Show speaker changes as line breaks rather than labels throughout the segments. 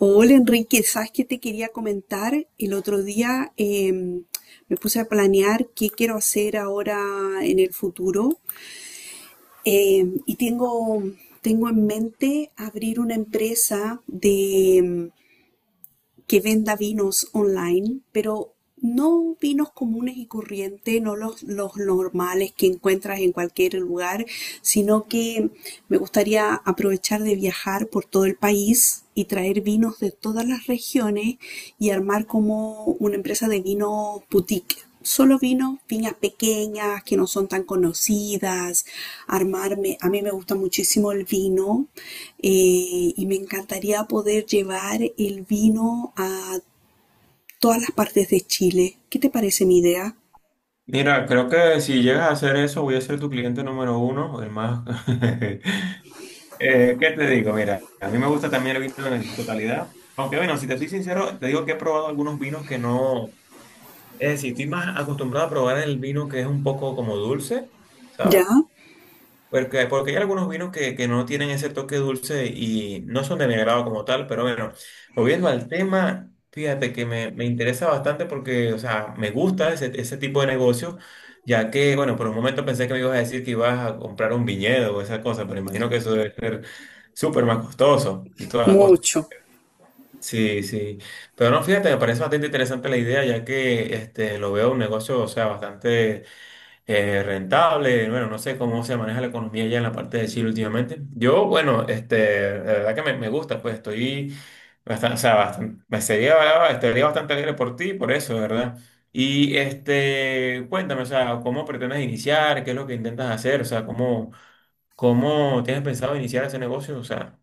Hola Enrique, ¿sabes qué te quería comentar? El otro día me puse a planear qué quiero hacer ahora en el futuro. Y Tengo en mente abrir una empresa de que venda vinos online, pero no vinos comunes y corrientes, no los normales que encuentras en cualquier lugar, sino que me gustaría aprovechar de viajar por todo el país y traer vinos de todas las regiones y armar como una empresa de vinos boutique, solo vino, viñas pequeñas que no son tan conocidas, armarme, a mí me gusta muchísimo el vino, y me encantaría poder llevar el vino a todas las partes de Chile. ¿Qué te parece mi idea?
Mira, creo que si llegas a hacer eso, voy a ser tu cliente número uno, o el más. ¿Qué te digo? Mira, a mí me gusta también el vino en su totalidad. Aunque bueno, si te soy sincero, te digo que he probado algunos vinos que no. Es decir, estoy más acostumbrado a probar el vino que es un poco como dulce,
¿Ya?
¿sabes? Porque hay algunos vinos que no tienen ese toque dulce y no son de mi agrado como tal, pero bueno, volviendo al tema, fíjate que me interesa bastante porque, o sea, me gusta ese tipo de negocios, ya que, bueno, por un momento pensé que me ibas a decir que ibas a comprar un viñedo o esa cosa, pero imagino que eso debe ser súper más costoso y toda la cosa.
Mucho.
Sí, sí. Pero no, fíjate, me parece bastante interesante la idea, ya que este, lo veo un negocio, o sea, bastante rentable, bueno, no sé cómo se maneja la economía ya en la parte de Chile últimamente. Yo, bueno, este, la verdad que me gusta, pues estoy bastante, o sea, bastante, me sería, estaría bastante alegre por ti, por eso, ¿verdad? Y este, cuéntame, o sea, ¿cómo pretendes iniciar? ¿Qué es lo que intentas hacer? O sea, ¿cómo tienes pensado iniciar ese negocio? O sea.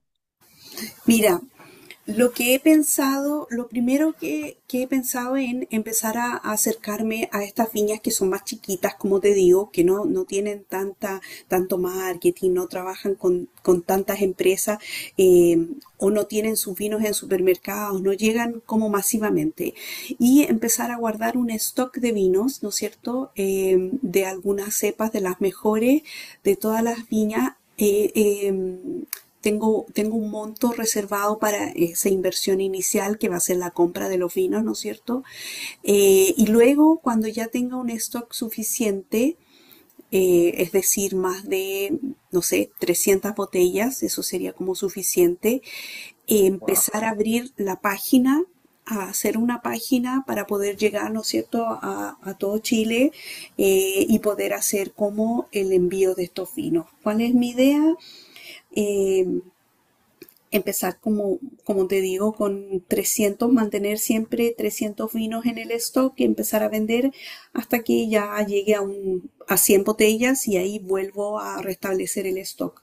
Mira, lo que he pensado, lo primero que he pensado en empezar a acercarme a estas viñas que son más chiquitas, como te digo, que no tienen tanto marketing, no trabajan con tantas empresas, eh, o no tienen sus vinos en supermercados, no llegan como masivamente. Y empezar a guardar un stock de vinos, ¿no es cierto?, de algunas cepas de las mejores, de todas las viñas, tengo un monto reservado para esa inversión inicial que va a ser la compra de los vinos, ¿no es cierto? Y luego, cuando ya tenga un stock suficiente, es decir, no sé, 300 botellas, eso sería como suficiente.
Wow.
Empezar a abrir la página, a hacer una página para poder llegar, ¿no es cierto?, a todo Chile, y poder hacer como el envío de estos vinos. ¿Cuál es mi idea? Eh, Empezar como, como te digo, con trescientos, mantener siempre 300 vinos en el stock y empezar a vender hasta que ya llegue a, un, a 100 botellas, y ahí vuelvo a restablecer el stock.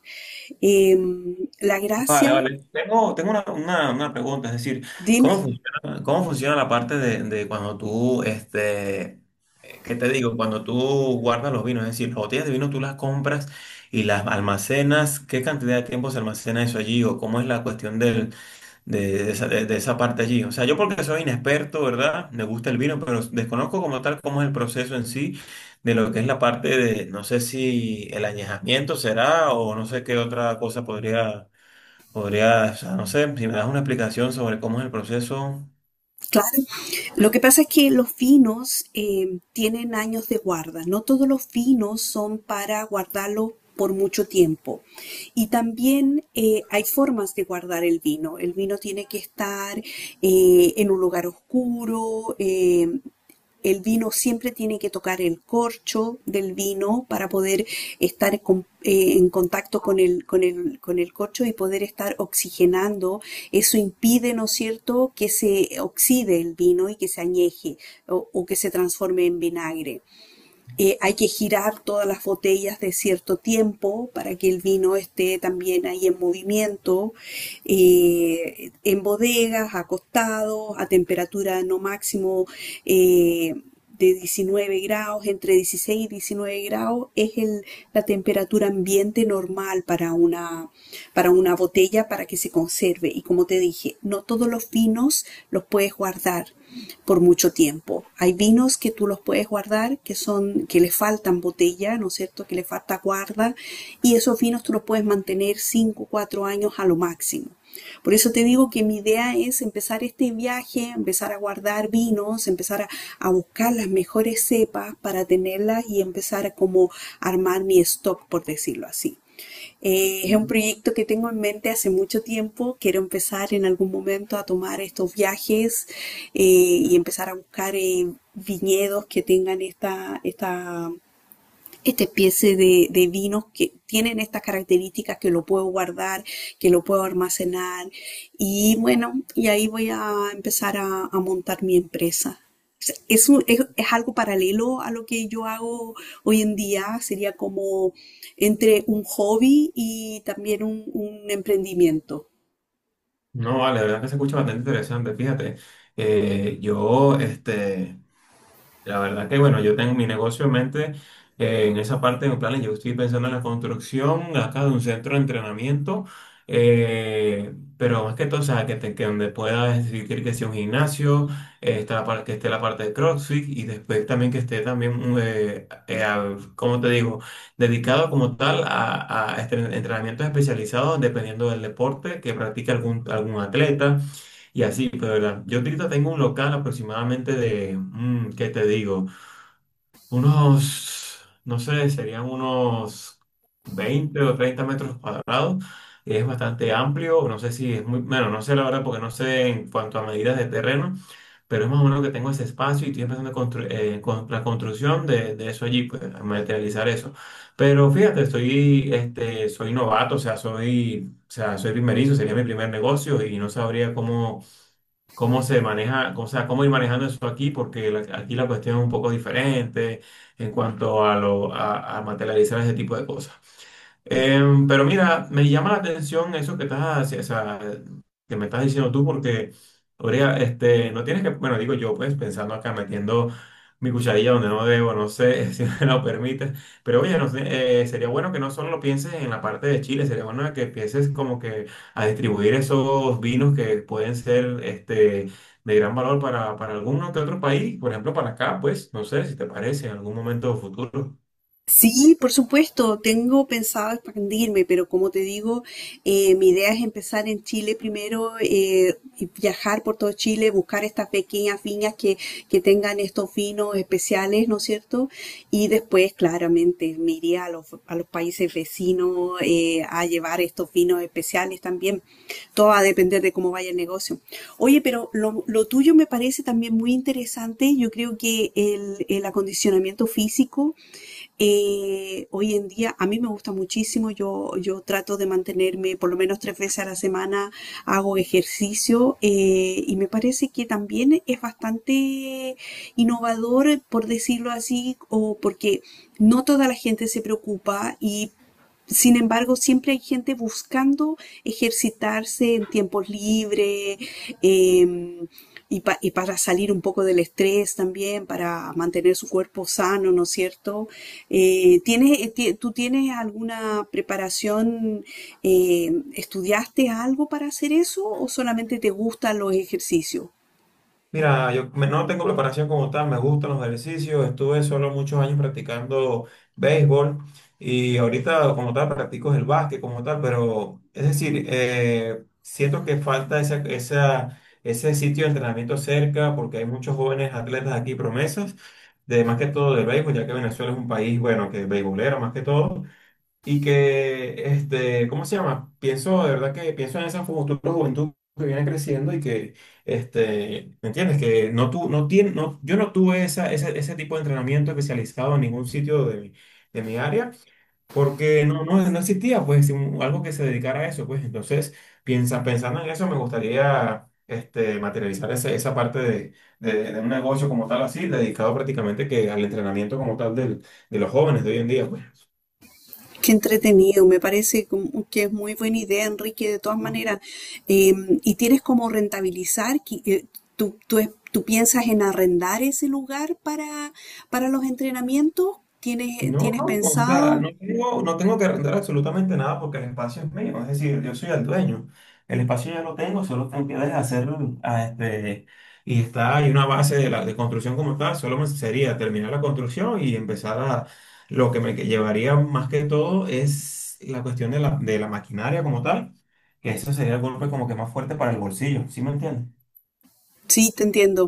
La
Vale,
gracia,
vale. Tengo una pregunta, es decir, ¿cómo
dime.
funciona, cómo funciona la parte de cuando tú, este, ¿qué te digo? Cuando tú guardas los vinos, es decir, las botellas de vino tú las compras y las almacenas, ¿qué cantidad de tiempo se almacena eso allí? ¿O cómo es la cuestión del, de esa parte allí? O sea, yo porque soy inexperto, ¿verdad? Me gusta el vino, pero desconozco como tal cómo es el proceso en sí de lo que es la parte de, no sé si el añejamiento será o no sé qué otra cosa podría. Podrías, o sea, no sé, si me das una explicación sobre cómo es el proceso.
Claro. Lo que pasa es que los vinos tienen años de guarda. No todos los vinos son para guardarlos por mucho tiempo. Y también hay formas de guardar el vino. El vino tiene que estar en un lugar oscuro, el vino siempre tiene que tocar el corcho del vino para poder estar en contacto con con el corcho y poder estar oxigenando. Eso impide, ¿no es cierto?, que se oxide el vino y que se añeje, o que se transforme en vinagre. Hay que girar todas las botellas de cierto tiempo para que el vino esté también ahí en movimiento, en bodegas, acostados, a temperatura no máximo, eh, de 19 grados, entre 16 y 19 grados es la temperatura ambiente de normal para una botella para que se conserve. Y como te dije, no todos los vinos los puedes guardar por mucho tiempo. Hay vinos que tú los puedes guardar, que son, que le faltan botella, ¿no es cierto? Que le falta guarda. Y esos vinos tú los puedes mantener 5 4 años a lo máximo. Por eso te digo que mi idea es empezar este viaje, empezar a guardar vinos, empezar a buscar las mejores cepas para tenerlas y empezar a como armar mi stock, por decirlo así. Es un proyecto que tengo en mente hace mucho tiempo. Quiero empezar en algún momento a tomar estos viajes, y empezar a buscar viñedos que tengan esta especie de vinos que tienen estas características, que lo puedo guardar, que lo puedo almacenar. Y bueno, y ahí voy a empezar a montar mi empresa. O sea, es algo paralelo a lo que yo hago hoy en día. Sería como entre un hobby y también un emprendimiento.
No, vale, la verdad que se escucha bastante interesante. Fíjate, yo, este, la verdad que bueno, yo tengo mi negocio en mente en esa parte de mis planes. Yo estoy pensando en la construcción acá de un centro de entrenamiento, pero más que todo, o sea, que donde pueda decir que sea un gimnasio, está la par- que esté la parte de CrossFit y después también que esté también, ¿cómo te digo? Dedicado como tal a, a entrenamientos especializados dependiendo del deporte que practica algún atleta. Y así, pues, verdad. Yo ahorita tengo un local aproximadamente de, ¿qué te digo? Unos, no sé, serían unos 20 o 30 metros cuadrados. Es bastante amplio, no sé si es muy, bueno, no sé la verdad porque no sé en cuanto a medidas de terreno, pero es más o menos que tengo ese espacio y estoy empezando a con la construcción de eso allí, pues, a materializar eso. Pero fíjate, estoy, este, soy novato, o sea, soy primerizo, sería mi primer negocio y no sabría cómo se maneja, o sea, cómo ir manejando eso aquí, porque aquí la cuestión es un poco diferente en cuanto a materializar ese tipo de cosas. Pero mira, me llama la atención eso que estás, o sea, que me estás diciendo tú, porque, Orea, este, no tienes que, bueno, digo yo, pues, pensando acá, metiendo mi cucharilla donde no debo, no sé si me lo permites, pero oye, no sé, sería bueno que no solo lo pienses en la parte de Chile, sería bueno que empieces como que a distribuir esos vinos que pueden ser, este, de gran valor para algún que otro país, por ejemplo, para acá, pues, no sé si te parece en algún momento futuro.
Sí, por supuesto, tengo pensado expandirme, pero como te digo, mi idea es empezar en Chile primero, y viajar por todo Chile, buscar estas pequeñas viñas que tengan estos vinos especiales, ¿no es cierto? Y después, claramente, me iría a los países vecinos, a llevar estos vinos especiales también. Todo va a depender de cómo vaya el negocio. Oye, pero lo tuyo me parece también muy interesante. Yo creo que el acondicionamiento físico, hoy en día a mí me gusta muchísimo, yo trato de mantenerme por lo menos 3 veces a la semana, hago ejercicio, y me parece que también es bastante innovador, por decirlo así, o porque no toda la gente se preocupa, y sin embargo siempre hay gente buscando ejercitarse en tiempos libres. em, y y para salir un poco del estrés también, para mantener su cuerpo sano, ¿no es cierto? ¿Tú tienes alguna preparación? ¿Estudiaste algo para hacer eso o solamente te gustan los ejercicios?
Mira, no tengo preparación como tal, me gustan los ejercicios, estuve solo muchos años practicando béisbol y ahorita como tal practico el básquet como tal, pero es decir, siento que falta esa, ese sitio de entrenamiento cerca porque hay muchos jóvenes atletas aquí promesas, de más que todo del béisbol, ya que Venezuela es un país, bueno, que es beisbolero más que todo. Y que, este, ¿cómo se llama? De verdad que pienso en esa futura juventud que viene creciendo y que, este, ¿me entiendes? Que no tu, no tiene, no, yo no tuve esa, ese tipo de entrenamiento especializado en ningún sitio de mi área porque no existía, pues, algo que se dedicara a eso, pues. Entonces, pensando en eso, me gustaría, este, materializar esa parte de un negocio como tal, así, dedicado prácticamente que al entrenamiento como tal de los jóvenes de hoy en día, pues.
Qué entretenido, me parece como que es muy buena idea, Enrique, de todas maneras. Eh, ¿Y tienes como rentabilizar? ¿Tú piensas en arrendar ese lugar para los entrenamientos?
No,
¿Tienes
no, o sea, no
pensado?
tengo, no tengo que arrendar absolutamente nada porque el espacio es mío, es decir, yo soy el dueño. El espacio ya lo tengo, solo tengo que deshacerlo a este, y está, hay una base de construcción como tal, solo me sería terminar la construcción y empezar lo que me que llevaría más que todo es la cuestión de la maquinaria como tal, que eso sería el golpe como que más fuerte para el bolsillo, ¿sí me entiendes?
Sí, te entiendo.